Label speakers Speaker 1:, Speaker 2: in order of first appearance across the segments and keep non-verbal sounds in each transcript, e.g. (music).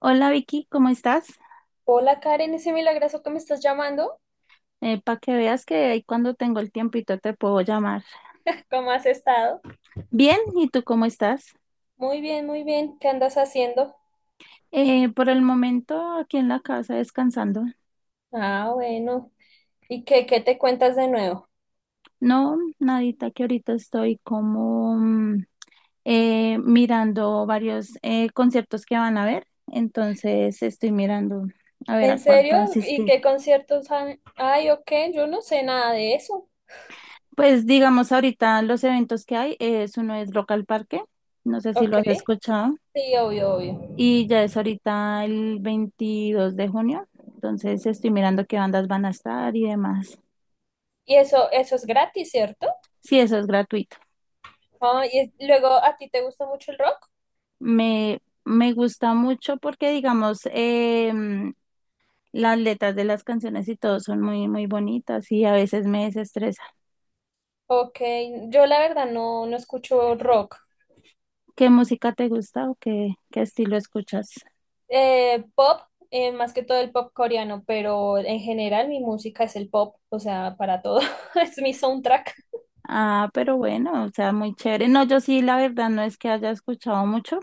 Speaker 1: Hola Vicky, ¿cómo estás?
Speaker 2: Hola Karen, ese milagroso que me estás llamando,
Speaker 1: Para que veas que ahí cuando tengo el tiempito te puedo llamar.
Speaker 2: ¿cómo has estado?
Speaker 1: Bien, ¿y tú cómo estás?
Speaker 2: Muy bien, ¿qué andas haciendo?
Speaker 1: Por el momento aquí en la casa descansando.
Speaker 2: Ah, bueno, ¿y qué te cuentas de nuevo?
Speaker 1: No, nadita, que ahorita estoy como mirando varios conciertos que van a ver, entonces estoy mirando a ver
Speaker 2: ¿En
Speaker 1: a cuál
Speaker 2: serio?
Speaker 1: puedo
Speaker 2: ¿Y
Speaker 1: asistir.
Speaker 2: qué conciertos han? Ay, ok, yo no sé nada de eso.
Speaker 1: Pues digamos ahorita los eventos que hay, es uno es Rock al Parque, no sé si lo
Speaker 2: Ok,
Speaker 1: has escuchado.
Speaker 2: sí, obvio, obvio.
Speaker 1: Y ya es ahorita el 22 de junio, entonces estoy mirando qué bandas van a estar y demás.
Speaker 2: Y eso es gratis, ¿cierto?
Speaker 1: Sí, eso es gratuito.
Speaker 2: Ah, luego, ¿a ti te gusta mucho el rock?
Speaker 1: Me gusta mucho porque, digamos, las letras de las canciones y todo son muy, muy bonitas y a veces me desestresa.
Speaker 2: Ok, yo la verdad no escucho rock.
Speaker 1: ¿Qué música te gusta o qué, qué estilo escuchas?
Speaker 2: Pop, más que todo el pop coreano, pero en general mi música es el pop, o sea, para todo, (laughs) es mi soundtrack.
Speaker 1: Ah, pero bueno, o sea, muy chévere. No, yo sí, la verdad, no es que haya escuchado mucho.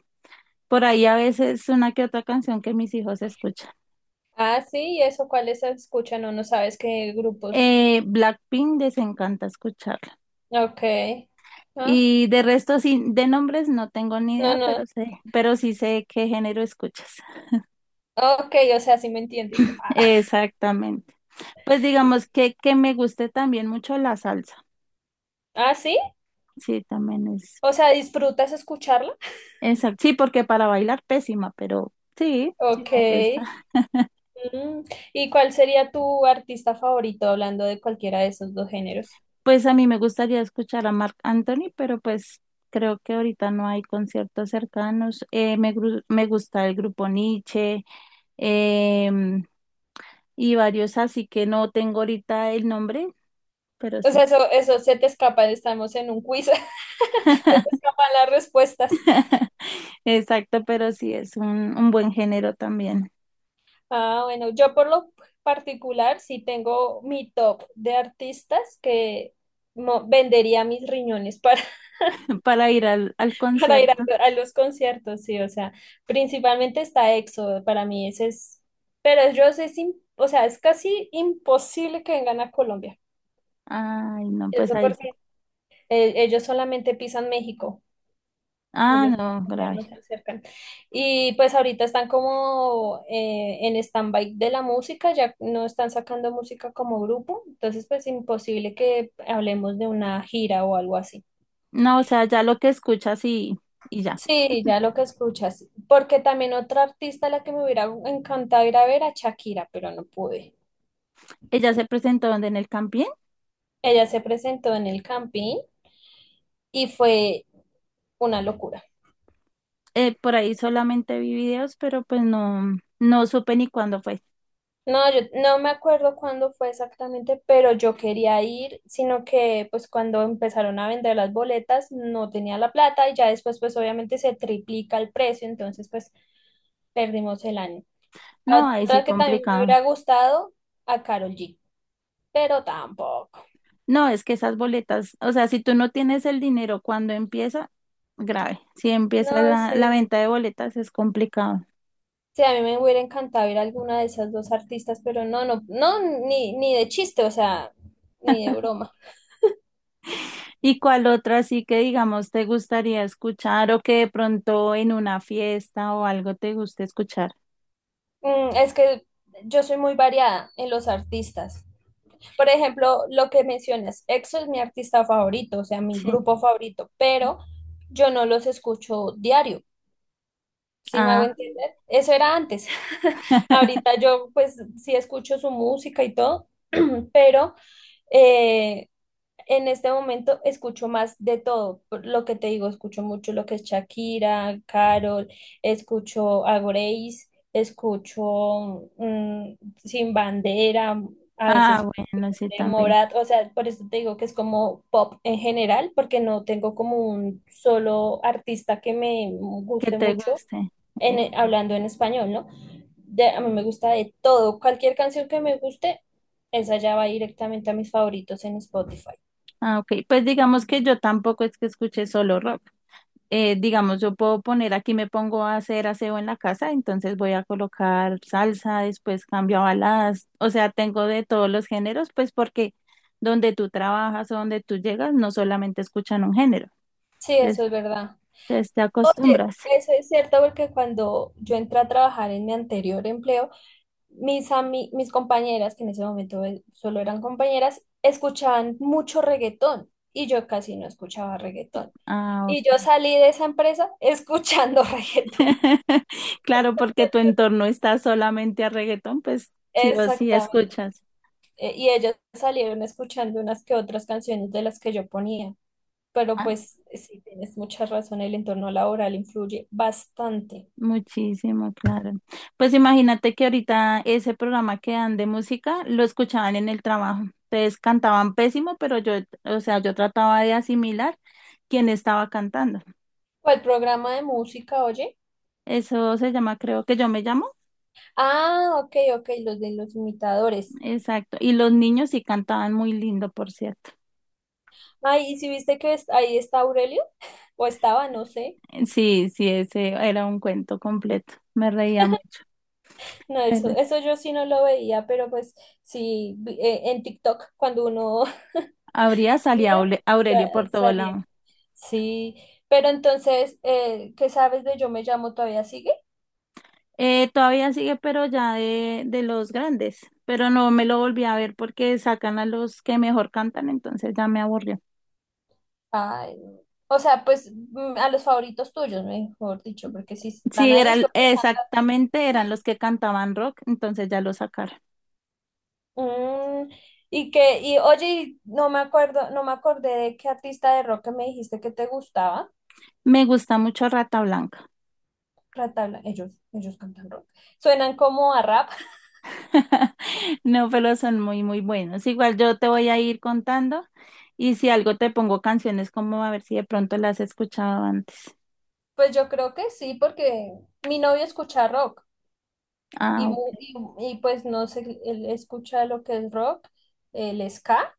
Speaker 1: Por ahí a veces una que otra canción que mis hijos escuchan.
Speaker 2: Ah, sí, ¿y eso cuáles se escuchan? No, no sabes qué grupos.
Speaker 1: Blackpink desencanta escucharla.
Speaker 2: Ok. Ah,
Speaker 1: Y de resto, sí, de nombres no tengo ni idea,
Speaker 2: no.
Speaker 1: pero sé, pero sí sé qué género escuchas. (laughs)
Speaker 2: Ok, o sea, sí me entiendes. Ah,
Speaker 1: Exactamente. Pues digamos
Speaker 2: (laughs)
Speaker 1: que me guste también mucho la salsa.
Speaker 2: ah, sí,
Speaker 1: Sí, también es.
Speaker 2: o sea, ¿disfrutas escucharla?
Speaker 1: Exacto. Sí, porque para bailar pésima, pero sí, sí
Speaker 2: Ok.
Speaker 1: me gusta. (laughs)
Speaker 2: Mm, ¿y cuál sería tu artista favorito hablando de cualquiera de esos dos géneros?
Speaker 1: Pues a mí me gustaría escuchar a Marc Anthony, pero pues creo que ahorita no hay conciertos cercanos. Me gusta el grupo Nietzsche, em, y varios así que no tengo ahorita el nombre, pero
Speaker 2: O
Speaker 1: sí.
Speaker 2: sea, eso se te escapa, estamos en un quiz, (laughs) se te escapan las respuestas.
Speaker 1: (laughs) Exacto, pero sí es un buen género también
Speaker 2: Ah, bueno, yo por lo particular sí tengo mi top de artistas que vendería mis riñones para,
Speaker 1: (laughs) para ir al
Speaker 2: (laughs) para ir
Speaker 1: concierto.
Speaker 2: a los conciertos, sí, o sea, principalmente está EXO, para mí ese es, pero ellos es, o sea, es casi imposible que vengan a Colombia,
Speaker 1: Ay, no, pues
Speaker 2: eso
Speaker 1: ahí sí.
Speaker 2: porque ellos solamente pisan México.
Speaker 1: Ah,
Speaker 2: Ellos
Speaker 1: no,
Speaker 2: todavía
Speaker 1: grave.
Speaker 2: no se acercan. Y pues ahorita están como en stand-by de la música, ya no están sacando música como grupo, entonces pues imposible que hablemos de una gira o algo así.
Speaker 1: No, o sea, ya lo que escuchas y ya.
Speaker 2: Sí,
Speaker 1: (laughs)
Speaker 2: ya lo que escuchas, porque también otra artista a la que me hubiera encantado ir a ver a Shakira, pero no pude.
Speaker 1: Ella se presentó donde en el Campín.
Speaker 2: Ella se presentó en el Campín y fue una locura.
Speaker 1: Por ahí solamente vi videos, pero pues no, no supe ni cuándo fue.
Speaker 2: No, yo no me acuerdo cuándo fue exactamente, pero yo quería ir, sino que pues cuando empezaron a vender las boletas no tenía la plata y ya después pues obviamente se triplica el precio, entonces pues perdimos el año.
Speaker 1: No, ahí sí
Speaker 2: Otra que también me
Speaker 1: complicado.
Speaker 2: hubiera gustado, a Carol G, pero tampoco.
Speaker 1: No, es que esas boletas, o sea, si tú no tienes el dinero cuando empieza, grave. Si empieza
Speaker 2: No,
Speaker 1: la
Speaker 2: sí.
Speaker 1: venta de boletas es complicado.
Speaker 2: Sí, a mí me hubiera encantado ir a alguna de esas dos artistas, pero no, ni de chiste, o sea, ni de
Speaker 1: (laughs)
Speaker 2: broma.
Speaker 1: ¿Y cuál otra así que digamos te gustaría escuchar o que de pronto en una fiesta o algo te guste escuchar?
Speaker 2: Mm, es que yo soy muy variada en los artistas. Por ejemplo, lo que mencionas, EXO es mi artista favorito, o sea, mi
Speaker 1: Sí.
Speaker 2: grupo favorito, pero yo no los escucho diario, ¿sí me
Speaker 1: Ah,
Speaker 2: hago entender? Eso era antes. (laughs) Ahorita
Speaker 1: (laughs)
Speaker 2: yo pues sí escucho su música y todo, (clears throat) pero eh, en este momento escucho más de todo. Por lo que te digo, escucho mucho lo que es Shakira, Carol, escucho a Grace, escucho mm, Sin Bandera, a
Speaker 1: ah,
Speaker 2: veces
Speaker 1: bueno, sí,
Speaker 2: de
Speaker 1: también.
Speaker 2: Morat, o sea, por eso te digo que es como pop en general, porque no tengo como un solo artista que me
Speaker 1: Que
Speaker 2: guste
Speaker 1: te
Speaker 2: mucho
Speaker 1: guste. Eh,
Speaker 2: en, hablando en español, ¿no? A mí me gusta de todo, cualquier canción que me guste, esa ya va directamente a mis favoritos en Spotify.
Speaker 1: ah, ok. Pues digamos que yo tampoco es que escuche solo rock. Digamos, yo puedo poner aquí, me pongo a hacer aseo en la casa, entonces voy a colocar salsa, después cambio a baladas, o sea, tengo de todos los géneros, pues porque donde tú trabajas o donde tú llegas, no solamente escuchan un género,
Speaker 2: Sí, eso
Speaker 1: entonces
Speaker 2: es verdad.
Speaker 1: entonces te
Speaker 2: Oye,
Speaker 1: acostumbras.
Speaker 2: eso es cierto porque cuando yo entré a trabajar en mi anterior empleo, mis compañeras, que en ese momento solo eran compañeras, escuchaban mucho reggaetón y yo casi no escuchaba reggaetón.
Speaker 1: Ah,
Speaker 2: Y yo
Speaker 1: ok.
Speaker 2: salí de esa empresa escuchando (laughs) reggaetón.
Speaker 1: (laughs) Claro, porque tu entorno está solamente a reggaetón, pues sí o sí
Speaker 2: Exactamente.
Speaker 1: escuchas.
Speaker 2: Y ellas salieron escuchando unas que otras canciones de las que yo ponía. Pero pues sí, tienes mucha razón, el entorno laboral influye bastante.
Speaker 1: Muchísimo, claro. Pues imagínate que ahorita ese programa que dan de música lo escuchaban en el trabajo. Entonces cantaban pésimo, pero yo, o sea, yo trataba de asimilar quién estaba cantando.
Speaker 2: ¿Cuál programa de música, oye?
Speaker 1: Eso se llama, creo que yo me llamo.
Speaker 2: Ah, ok, ok, los de los imitadores.
Speaker 1: Exacto. Y los niños sí cantaban muy lindo, por cierto.
Speaker 2: Ay, ¿y si viste que ahí está Aurelio? (laughs) O estaba, no sé.
Speaker 1: Sí, sí, ese era un cuento completo. Me reía mucho.
Speaker 2: No,
Speaker 1: Pero sí.
Speaker 2: eso yo sí no lo veía, pero pues sí, en TikTok cuando uno
Speaker 1: Habría
Speaker 2: (laughs)
Speaker 1: salido
Speaker 2: mira,
Speaker 1: Aurelio por todo
Speaker 2: salía.
Speaker 1: lado.
Speaker 2: Sí, pero entonces, ¿qué sabes de Yo me llamo todavía sigue?
Speaker 1: Todavía sigue, pero ya de los grandes, pero no me lo volví a ver porque sacan a los que mejor cantan, entonces ya me aburrió.
Speaker 2: Ay, no, o sea, pues mm, a los favoritos tuyos, mejor dicho, porque si están
Speaker 1: Sí,
Speaker 2: ahí es
Speaker 1: eran,
Speaker 2: porque cantan bien.
Speaker 1: exactamente, eran los que cantaban rock, entonces ya lo sacaron.
Speaker 2: Mm, y que, y oye, y no me acuerdo, no me acordé de qué artista de rock que me dijiste que te gustaba.
Speaker 1: Me gusta mucho Rata Blanca.
Speaker 2: Ratabla, ellos cantan rock. Suenan como a rap.
Speaker 1: (laughs) No, pero son muy, muy buenos. Igual yo te voy a ir contando y si algo te pongo canciones como a ver si de pronto las has escuchado antes.
Speaker 2: Pues yo creo que sí, porque mi novio escucha rock y,
Speaker 1: Ah, ok.
Speaker 2: y pues no sé, él escucha lo que es rock, el ska,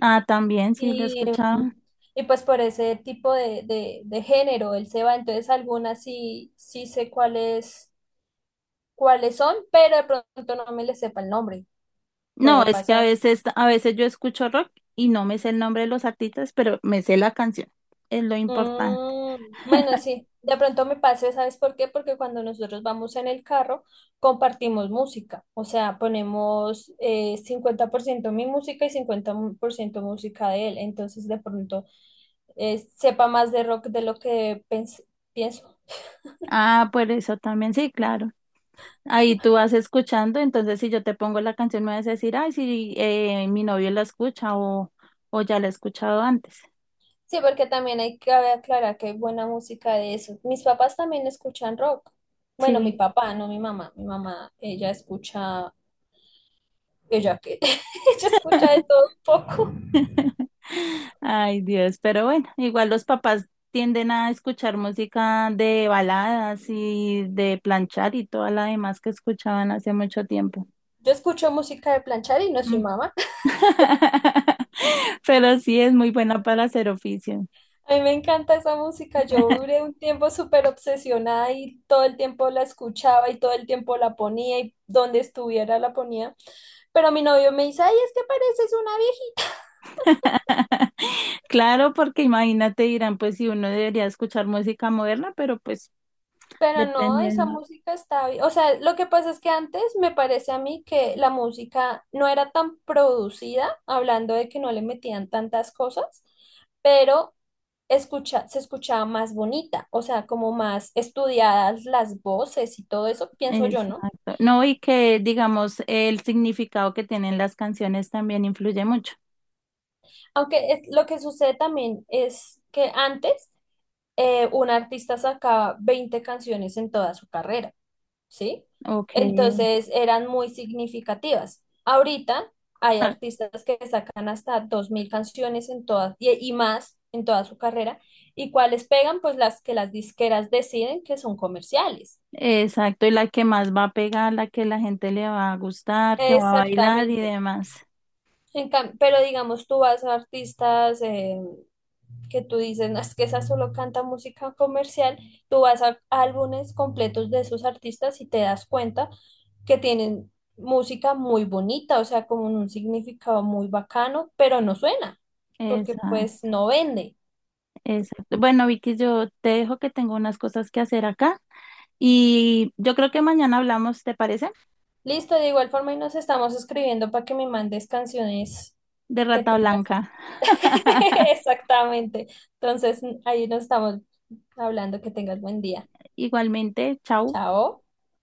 Speaker 1: Ah, también sí lo he
Speaker 2: y, mm,
Speaker 1: escuchado.
Speaker 2: y pues por ese tipo de género él se va, entonces algunas sí, sí sé cuáles, cuáles son, pero de pronto no me le sepa el nombre,
Speaker 1: No,
Speaker 2: puede
Speaker 1: es que
Speaker 2: pasar.
Speaker 1: a veces yo escucho rock y no me sé el nombre de los artistas, pero me sé la canción. Es lo importante.
Speaker 2: Mm, bueno,
Speaker 1: (laughs)
Speaker 2: sí, de pronto me pase, ¿sabes por qué? Porque cuando nosotros vamos en el carro, compartimos música, o sea, ponemos 50% mi música y 50% música de él, entonces de pronto sepa más de rock de lo que pienso.
Speaker 1: Ah, por eso también, sí, claro. Ahí tú vas escuchando, entonces si yo te pongo la canción me vas a decir, ay, sí, mi novio la escucha o ya la he escuchado antes.
Speaker 2: Sí, porque también hay que aclarar que hay buena música de eso. Mis papás también escuchan rock. Bueno, mi
Speaker 1: Sí.
Speaker 2: papá, no mi mamá. Mi mamá, ella escucha, (laughs) ella escucha de todo un poco.
Speaker 1: (laughs) Ay, Dios, pero bueno, igual los papás tienden a escuchar música de baladas y de planchar y toda la demás que escuchaban hace mucho tiempo.
Speaker 2: Yo escucho música de planchar y no soy mamá. (laughs)
Speaker 1: (laughs) Pero sí es muy buena para hacer oficio.
Speaker 2: A mí me encanta esa música. Yo duré un tiempo súper obsesionada y todo el tiempo la escuchaba y todo el tiempo la ponía y donde estuviera la ponía. Pero mi novio me dice, ay, es que pareces una.
Speaker 1: (laughs) Claro, porque imagínate, dirán, pues si uno debería escuchar música moderna, pero pues
Speaker 2: Pero no, esa
Speaker 1: dependiendo.
Speaker 2: música está bien. O sea, lo que pasa es que antes me parece a mí que la música no era tan producida, hablando de que no le metían tantas cosas, pero se escuchaba más bonita, o sea, como más estudiadas las voces y todo eso, pienso yo, ¿no?
Speaker 1: Exacto. No, y que digamos el significado que tienen las canciones también influye mucho.
Speaker 2: Lo que sucede también es que antes un artista sacaba 20 canciones en toda su carrera. ¿Sí?
Speaker 1: Ok.
Speaker 2: Entonces eran muy significativas. Ahorita hay
Speaker 1: Ah,
Speaker 2: artistas que sacan hasta 2000 canciones en todas y más en toda su carrera. ¿Y cuáles pegan? Pues las que las disqueras deciden que son comerciales.
Speaker 1: exacto, y la que más va a pegar, la que la gente le va a gustar, que va a bailar y
Speaker 2: Exactamente.
Speaker 1: demás.
Speaker 2: Pero digamos, tú vas a artistas, que tú dices, no, es que esa solo canta música comercial, tú vas a álbumes completos de esos artistas y te das cuenta que tienen música muy bonita, o sea, como un significado muy bacano, pero no suena, porque
Speaker 1: Exacto.
Speaker 2: pues no vende.
Speaker 1: Exacto. Bueno, Vicky, yo te dejo que tengo unas cosas que hacer acá y yo creo que mañana hablamos, ¿te parece?
Speaker 2: Listo, de igual forma y nos estamos escribiendo para que me mandes canciones
Speaker 1: De
Speaker 2: que
Speaker 1: Rata
Speaker 2: tengas.
Speaker 1: Blanca.
Speaker 2: (laughs)
Speaker 1: (laughs)
Speaker 2: Exactamente. Entonces, ahí nos estamos hablando, que tengas buen día.
Speaker 1: Igualmente, chao.
Speaker 2: Chao.